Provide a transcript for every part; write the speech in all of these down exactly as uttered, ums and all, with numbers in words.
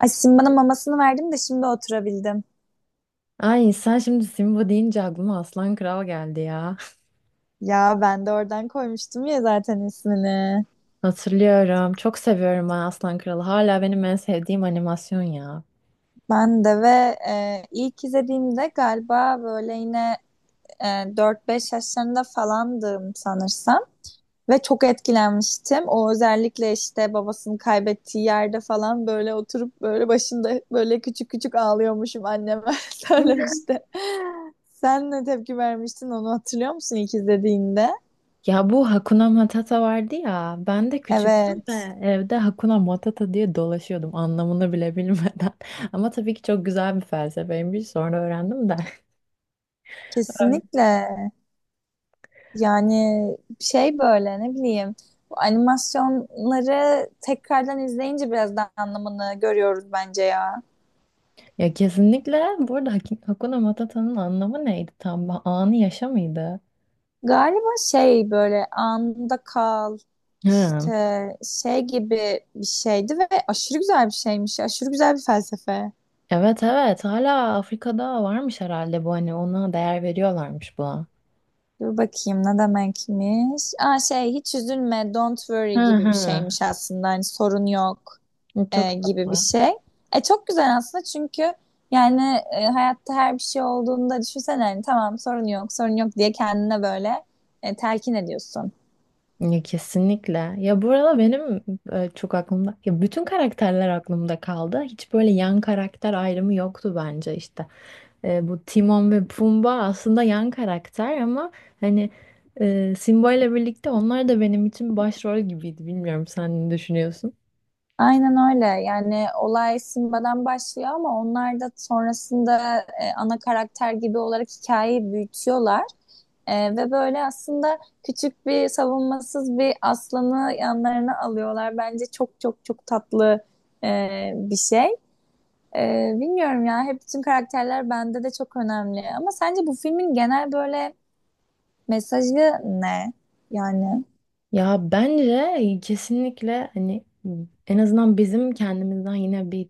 Ay şimdi bana mamasını verdim de şimdi oturabildim. Ay sen şimdi Simba deyince aklıma Aslan Kral geldi ya. Ya ben de oradan koymuştum ya zaten ismini. Hatırlıyorum. Çok seviyorum ben Aslan Kral'ı. Hala benim en sevdiğim animasyon ya. Ben de ve e, ilk izlediğimde galiba böyle yine e, dört beş yaşlarında falandım sanırsam. Ve çok etkilenmiştim. O özellikle işte babasını kaybettiği yerde falan böyle oturup böyle başında böyle küçük küçük ağlıyormuşum anneme söylemişti. Sen ne tepki vermiştin, onu hatırlıyor musun ilk izlediğinde? Ya bu Hakuna Matata vardı ya. Ben de küçüktüm ve Evet, evde Hakuna Matata diye dolaşıyordum anlamını bile bilmeden. Ama tabii ki çok güzel bir felsefeymiş. Sonra öğrendim de. Öyle. kesinlikle. Yani şey böyle ne bileyim, bu animasyonları tekrardan izleyince biraz daha anlamını görüyoruz bence ya. Ya kesinlikle bu arada Hak- Hakuna Matata'nın anlamı neydi tam? Anı yaşa mıydı? Galiba şey böyle anında kal Hı. işte şey gibi bir şeydi ve aşırı güzel bir şeymiş. Aşırı güzel bir felsefe. Evet evet hala Afrika'da varmış herhalde bu hani ona değer veriyorlarmış buna. Dur bakayım ne demekmiş. Aa şey hiç üzülme, don't Hı worry gibi bir hı. şeymiş aslında. Hani sorun yok e, Çok gibi bir tatlı. şey. E çok güzel aslında çünkü yani e, hayatta her bir şey olduğunda düşünsene hani tamam sorun yok sorun yok diye kendine böyle e, telkin ediyorsun. Ya, kesinlikle. Ya bu arada benim e, çok aklımda ya bütün karakterler aklımda kaldı. Hiç böyle yan karakter ayrımı yoktu bence işte. E, bu Timon ve Pumba aslında yan karakter ama hani e, Simba ile birlikte onlar da benim için başrol gibiydi. Bilmiyorum sen ne düşünüyorsun? Aynen öyle, yani olay Simba'dan başlıyor ama onlar da sonrasında e, ana karakter gibi olarak hikayeyi büyütüyorlar. Ee, ve böyle aslında küçük bir savunmasız bir aslanı yanlarına alıyorlar. Bence çok çok çok tatlı e, bir şey. Ee, bilmiyorum ya, hep bütün karakterler bende de çok önemli. Ama sence bu filmin genel böyle mesajı ne? Yani. Ya bence kesinlikle hani en azından bizim kendimizden yine bir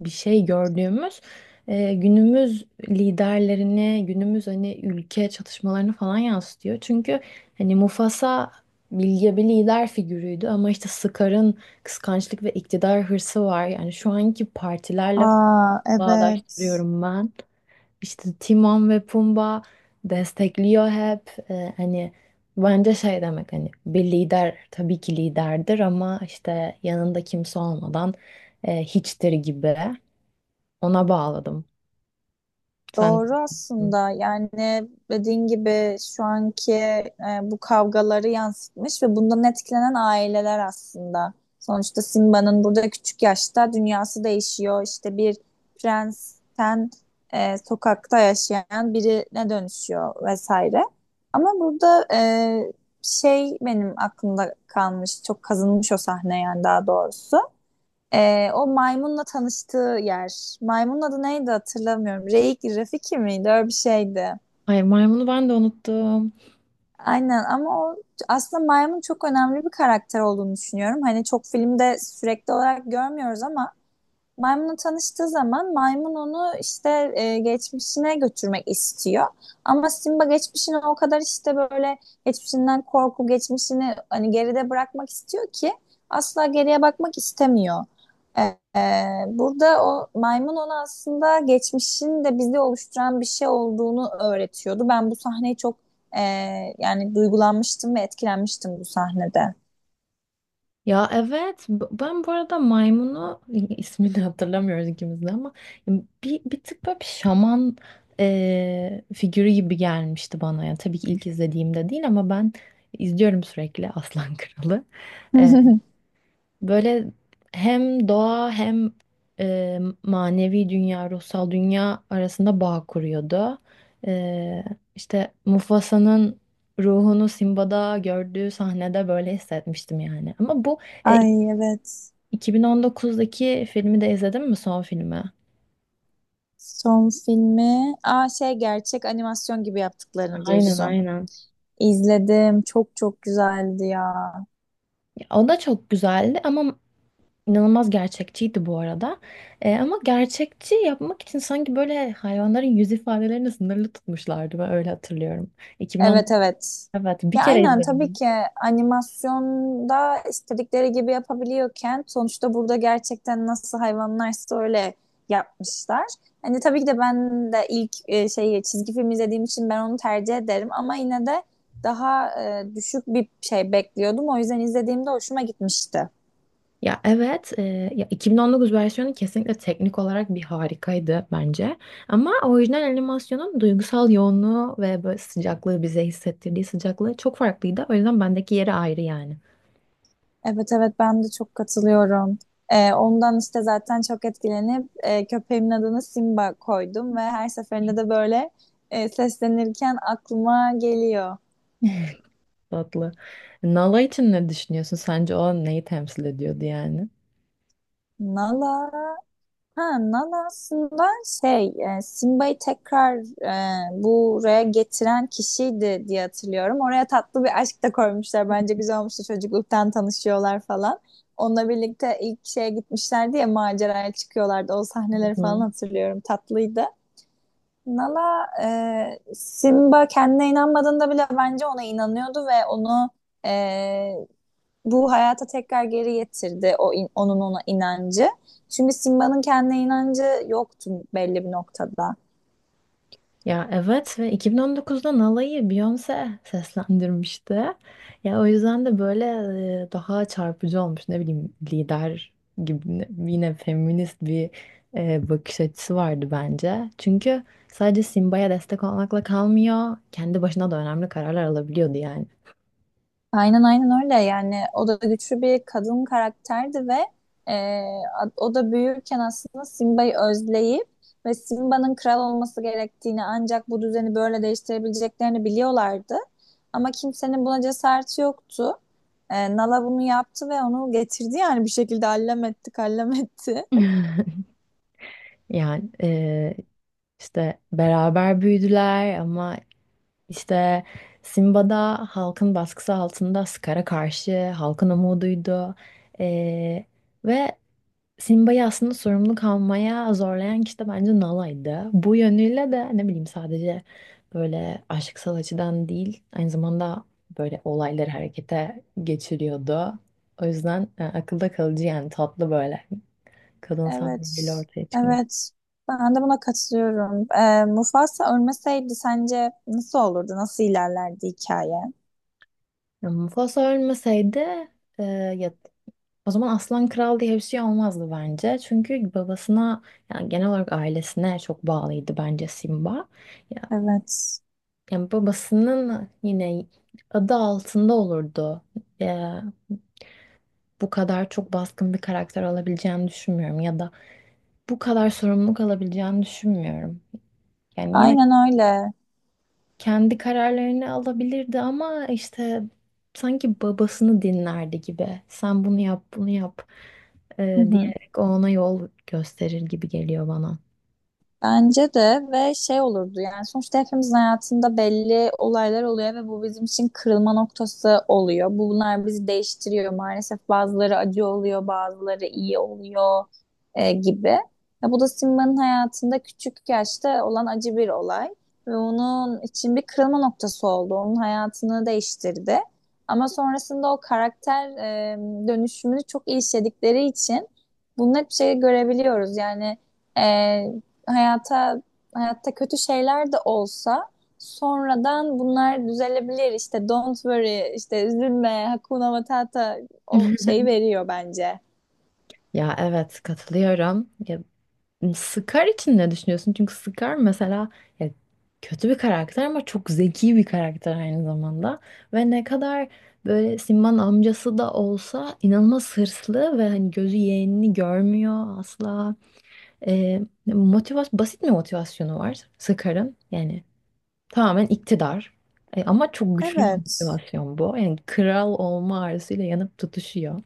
bir şey gördüğümüz e, günümüz liderlerini, günümüz hani ülke çatışmalarını falan yansıtıyor. Çünkü hani Mufasa bilge bir lider figürüydü ama işte Scar'ın kıskançlık ve iktidar hırsı var. Yani şu anki partilerle Aa evet. bağdaştırıyorum ben. İşte Timon ve Pumba destekliyor hep. Ee, hani bence şey demek hani bir lider tabii ki liderdir ama işte yanında kimse olmadan e, hiçtir gibi. Ona bağladım. Sen. Doğru aslında, yani dediğin gibi şu anki e, bu kavgaları yansıtmış ve bundan etkilenen aileler aslında. Sonuçta Simba'nın burada küçük yaşta dünyası değişiyor. İşte bir prensten e, sokakta yaşayan birine dönüşüyor vesaire. Ama burada e, şey benim aklımda kalmış, çok kazınmış o sahne, yani daha doğrusu. Ee, o maymunla tanıştığı yer. Maymunun adı neydi hatırlamıyorum. Reik, Rafiki miydi? Öyle bir şeydi. Hayır, maymunu ben de unuttum. Aynen, ama o aslında maymun çok önemli bir karakter olduğunu düşünüyorum. Hani çok filmde sürekli olarak görmüyoruz ama maymunla tanıştığı zaman maymun onu işte e, geçmişine götürmek istiyor. Ama Simba geçmişine o kadar işte böyle geçmişinden korku, geçmişini hani geride bırakmak istiyor ki asla geriye bakmak istemiyor. E, e, Burada o maymun ona aslında geçmişin de bizi oluşturan bir şey olduğunu öğretiyordu. Ben bu sahneyi çok e, yani duygulanmıştım ve etkilenmiştim bu sahnede. Ya evet b- ben bu arada maymunu ismini hatırlamıyoruz ikimiz de ama bir, bir tık böyle bir şaman e, figürü gibi gelmişti bana. Yani tabii ki ilk izlediğimde değil ama ben izliyorum sürekli Aslan Kralı. E, böyle hem doğa hem e, manevi dünya, ruhsal dünya arasında bağ kuruyordu. E, işte Mufasa'nın ruhunu Simba'da gördüğü sahnede böyle hissetmiştim yani. Ama bu Ay evet. iki bin on dokuzdaki filmi de izledin mi son filmi? Son filmi. Aa şey gerçek animasyon gibi yaptıklarını Aynen diyorsun. aynen. İzledim. Çok çok güzeldi ya. Ya, O da çok güzeldi ama inanılmaz gerçekçiydi bu arada. Ee, ama gerçekçi yapmak için sanki böyle hayvanların yüz ifadelerini sınırlı tutmuşlardı. Ben öyle hatırlıyorum. Evet, iki bin on dokuz, evet. evet, bir Ya kere aynen, tabii izledim. ki animasyonda istedikleri gibi yapabiliyorken sonuçta burada gerçekten nasıl hayvanlarsa öyle yapmışlar. Hani tabii ki de ben de ilk e, şeyi çizgi film izlediğim için ben onu tercih ederim ama yine de daha e, düşük bir şey bekliyordum. O yüzden izlediğimde hoşuma gitmişti. Ya evet e, ya iki bin on dokuz versiyonu kesinlikle teknik olarak bir harikaydı bence. Ama orijinal animasyonun duygusal yoğunluğu ve böyle sıcaklığı bize hissettirdiği sıcaklığı çok farklıydı. O yüzden bendeki yeri ayrı yani. Evet evet, ben de çok katılıyorum. Ee, ondan işte zaten çok etkilenip e, köpeğimin adını Simba koydum ve her seferinde de böyle e, seslenirken aklıma geliyor. Tatlı. Nala için ne düşünüyorsun? Sence o neyi temsil ediyordu yani? Nala. Ha Nala aslında şey e, Simba'yı tekrar e, buraya getiren kişiydi diye hatırlıyorum. Oraya tatlı bir aşk da koymuşlar. Bence güzel olmuştu, çocukluktan tanışıyorlar falan. Onunla birlikte ilk şeye gitmişlerdi ya, maceraya çıkıyorlardı. O Hı sahneleri falan hı. hatırlıyorum. Tatlıydı. Nala e, Simba kendine inanmadığında bile bence ona inanıyordu ve onu e, bu hayata tekrar geri getirdi o in- onun ona inancı. Çünkü Simba'nın kendine inancı yoktu belli bir noktada. Ya evet ve iki bin on dokuzda Nala'yı Beyoncé seslendirmişti. Ya o yüzden de böyle e, daha çarpıcı olmuş. Ne bileyim lider gibi ne- yine feminist bir e, bakış açısı vardı bence. Çünkü sadece Simba'ya destek olmakla kalmıyor. Kendi başına da önemli kararlar alabiliyordu yani. Aynen aynen öyle, yani o da güçlü bir kadın karakterdi ve e, a- o da büyürken aslında Simba'yı özleyip ve Simba'nın kral olması gerektiğini, ancak bu düzeni böyle değiştirebileceklerini biliyorlardı. Ama kimsenin buna cesareti yoktu. E, Nala bunu yaptı ve onu getirdi, yani bir şekilde allem etti kallem etti. Yani e, işte beraber büyüdüler ama İşte Simba'da halkın baskısı altında Scar'a karşı halkın umuduydu. Ee, ve Simba'yı aslında sorumluluk almaya zorlayan kişi de bence Nala'ydı. Bu yönüyle de ne bileyim sadece böyle aşksal açıdan değil aynı zamanda böyle olayları harekete geçiriyordu. O yüzden e, akılda kalıcı yani tatlı böyle kadınsal Evet bir ortaya çıkmış. evet, ben de buna katılıyorum. E, Mufasa ölmeseydi sence nasıl olurdu, nasıl ilerlerdi hikaye? Ya Mufasa ölmeseydi e, ya, o zaman Aslan Kral diye bir şey olmazdı bence. Çünkü babasına yani genel olarak ailesine çok bağlıydı bence Simba. Ya, Evet. yani babasının yine adı altında olurdu. E, bu kadar çok baskın bir karakter olabileceğini düşünmüyorum ya da bu kadar sorumluluk alabileceğini düşünmüyorum. Yani yine Aynen öyle. kendi kararlarını alabilirdi ama işte sanki babasını dinlerdi gibi. Sen bunu yap, bunu yap e, Hı hı. diyerek o ona yol gösterir gibi geliyor bana. Bence de ve şey olurdu, yani sonuçta hepimizin hayatında belli olaylar oluyor ve bu bizim için kırılma noktası oluyor. Bunlar bizi değiştiriyor, maalesef bazıları acı oluyor bazıları iyi oluyor e, gibi. Ya bu da Simba'nın hayatında küçük yaşta olan acı bir olay ve onun için bir kırılma noktası oldu. Onun hayatını değiştirdi. Ama sonrasında o karakter e, dönüşümünü çok iyi işledikleri için bunu hep şey görebiliyoruz yani. e, hayata hayatta kötü şeyler de olsa sonradan bunlar düzelebilir. İşte don't worry, işte üzülme, hakuna matata o şeyi veriyor bence. Ya evet katılıyorum. Ya, Scar için ne düşünüyorsun? Çünkü Scar mesela ya, kötü bir karakter ama çok zeki bir karakter aynı zamanda. Ve ne kadar böyle Simba'nın amcası da olsa inanılmaz hırslı ve hani gözü yeğenini görmüyor asla. Ee, motivasyon, basit bir motivasyonu var Sıkarın, Yani tamamen iktidar. E, ama çok güçlü bir Evet. motivasyon bu. Yani kral olma arzusuyla yanıp tutuşuyor.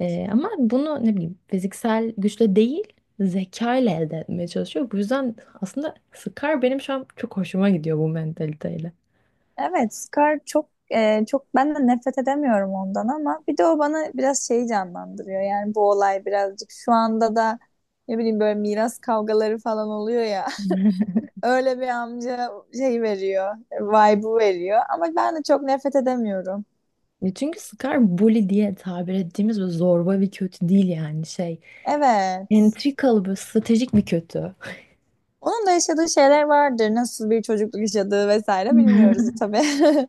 E, ama bunu ne bileyim fiziksel güçle değil zeka ile elde etmeye çalışıyor. Bu yüzden aslında Scar benim şu an çok hoşuma gidiyor bu mentaliteyle. Evet, Scar çok e, çok ben de nefret edemiyorum ondan, ama bir de o bana biraz şeyi canlandırıyor. Yani bu olay birazcık şu anda da ne bileyim böyle miras kavgaları falan oluyor ya. Öyle bir amca şey veriyor, vibe'ı veriyor, ama ben de çok nefret edemiyorum. E, Çünkü Scar bully diye tabir ettiğimiz böyle zorba bir kötü değil yani şey. Evet. Entrikalı böyle stratejik bir kötü. Onun da yaşadığı şeyler vardır. Nasıl bir çocukluk yaşadığı vesaire bilmiyoruz tabii.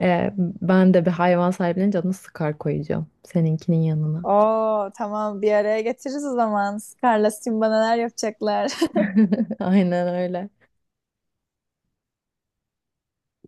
Ee, ben de bir hayvan sahiplenince adını Sıkar koyacağım. Seninkinin yanına. Oo tamam, bir araya getiririz o zaman. Scar'la Simba neler yapacaklar. Aynen öyle.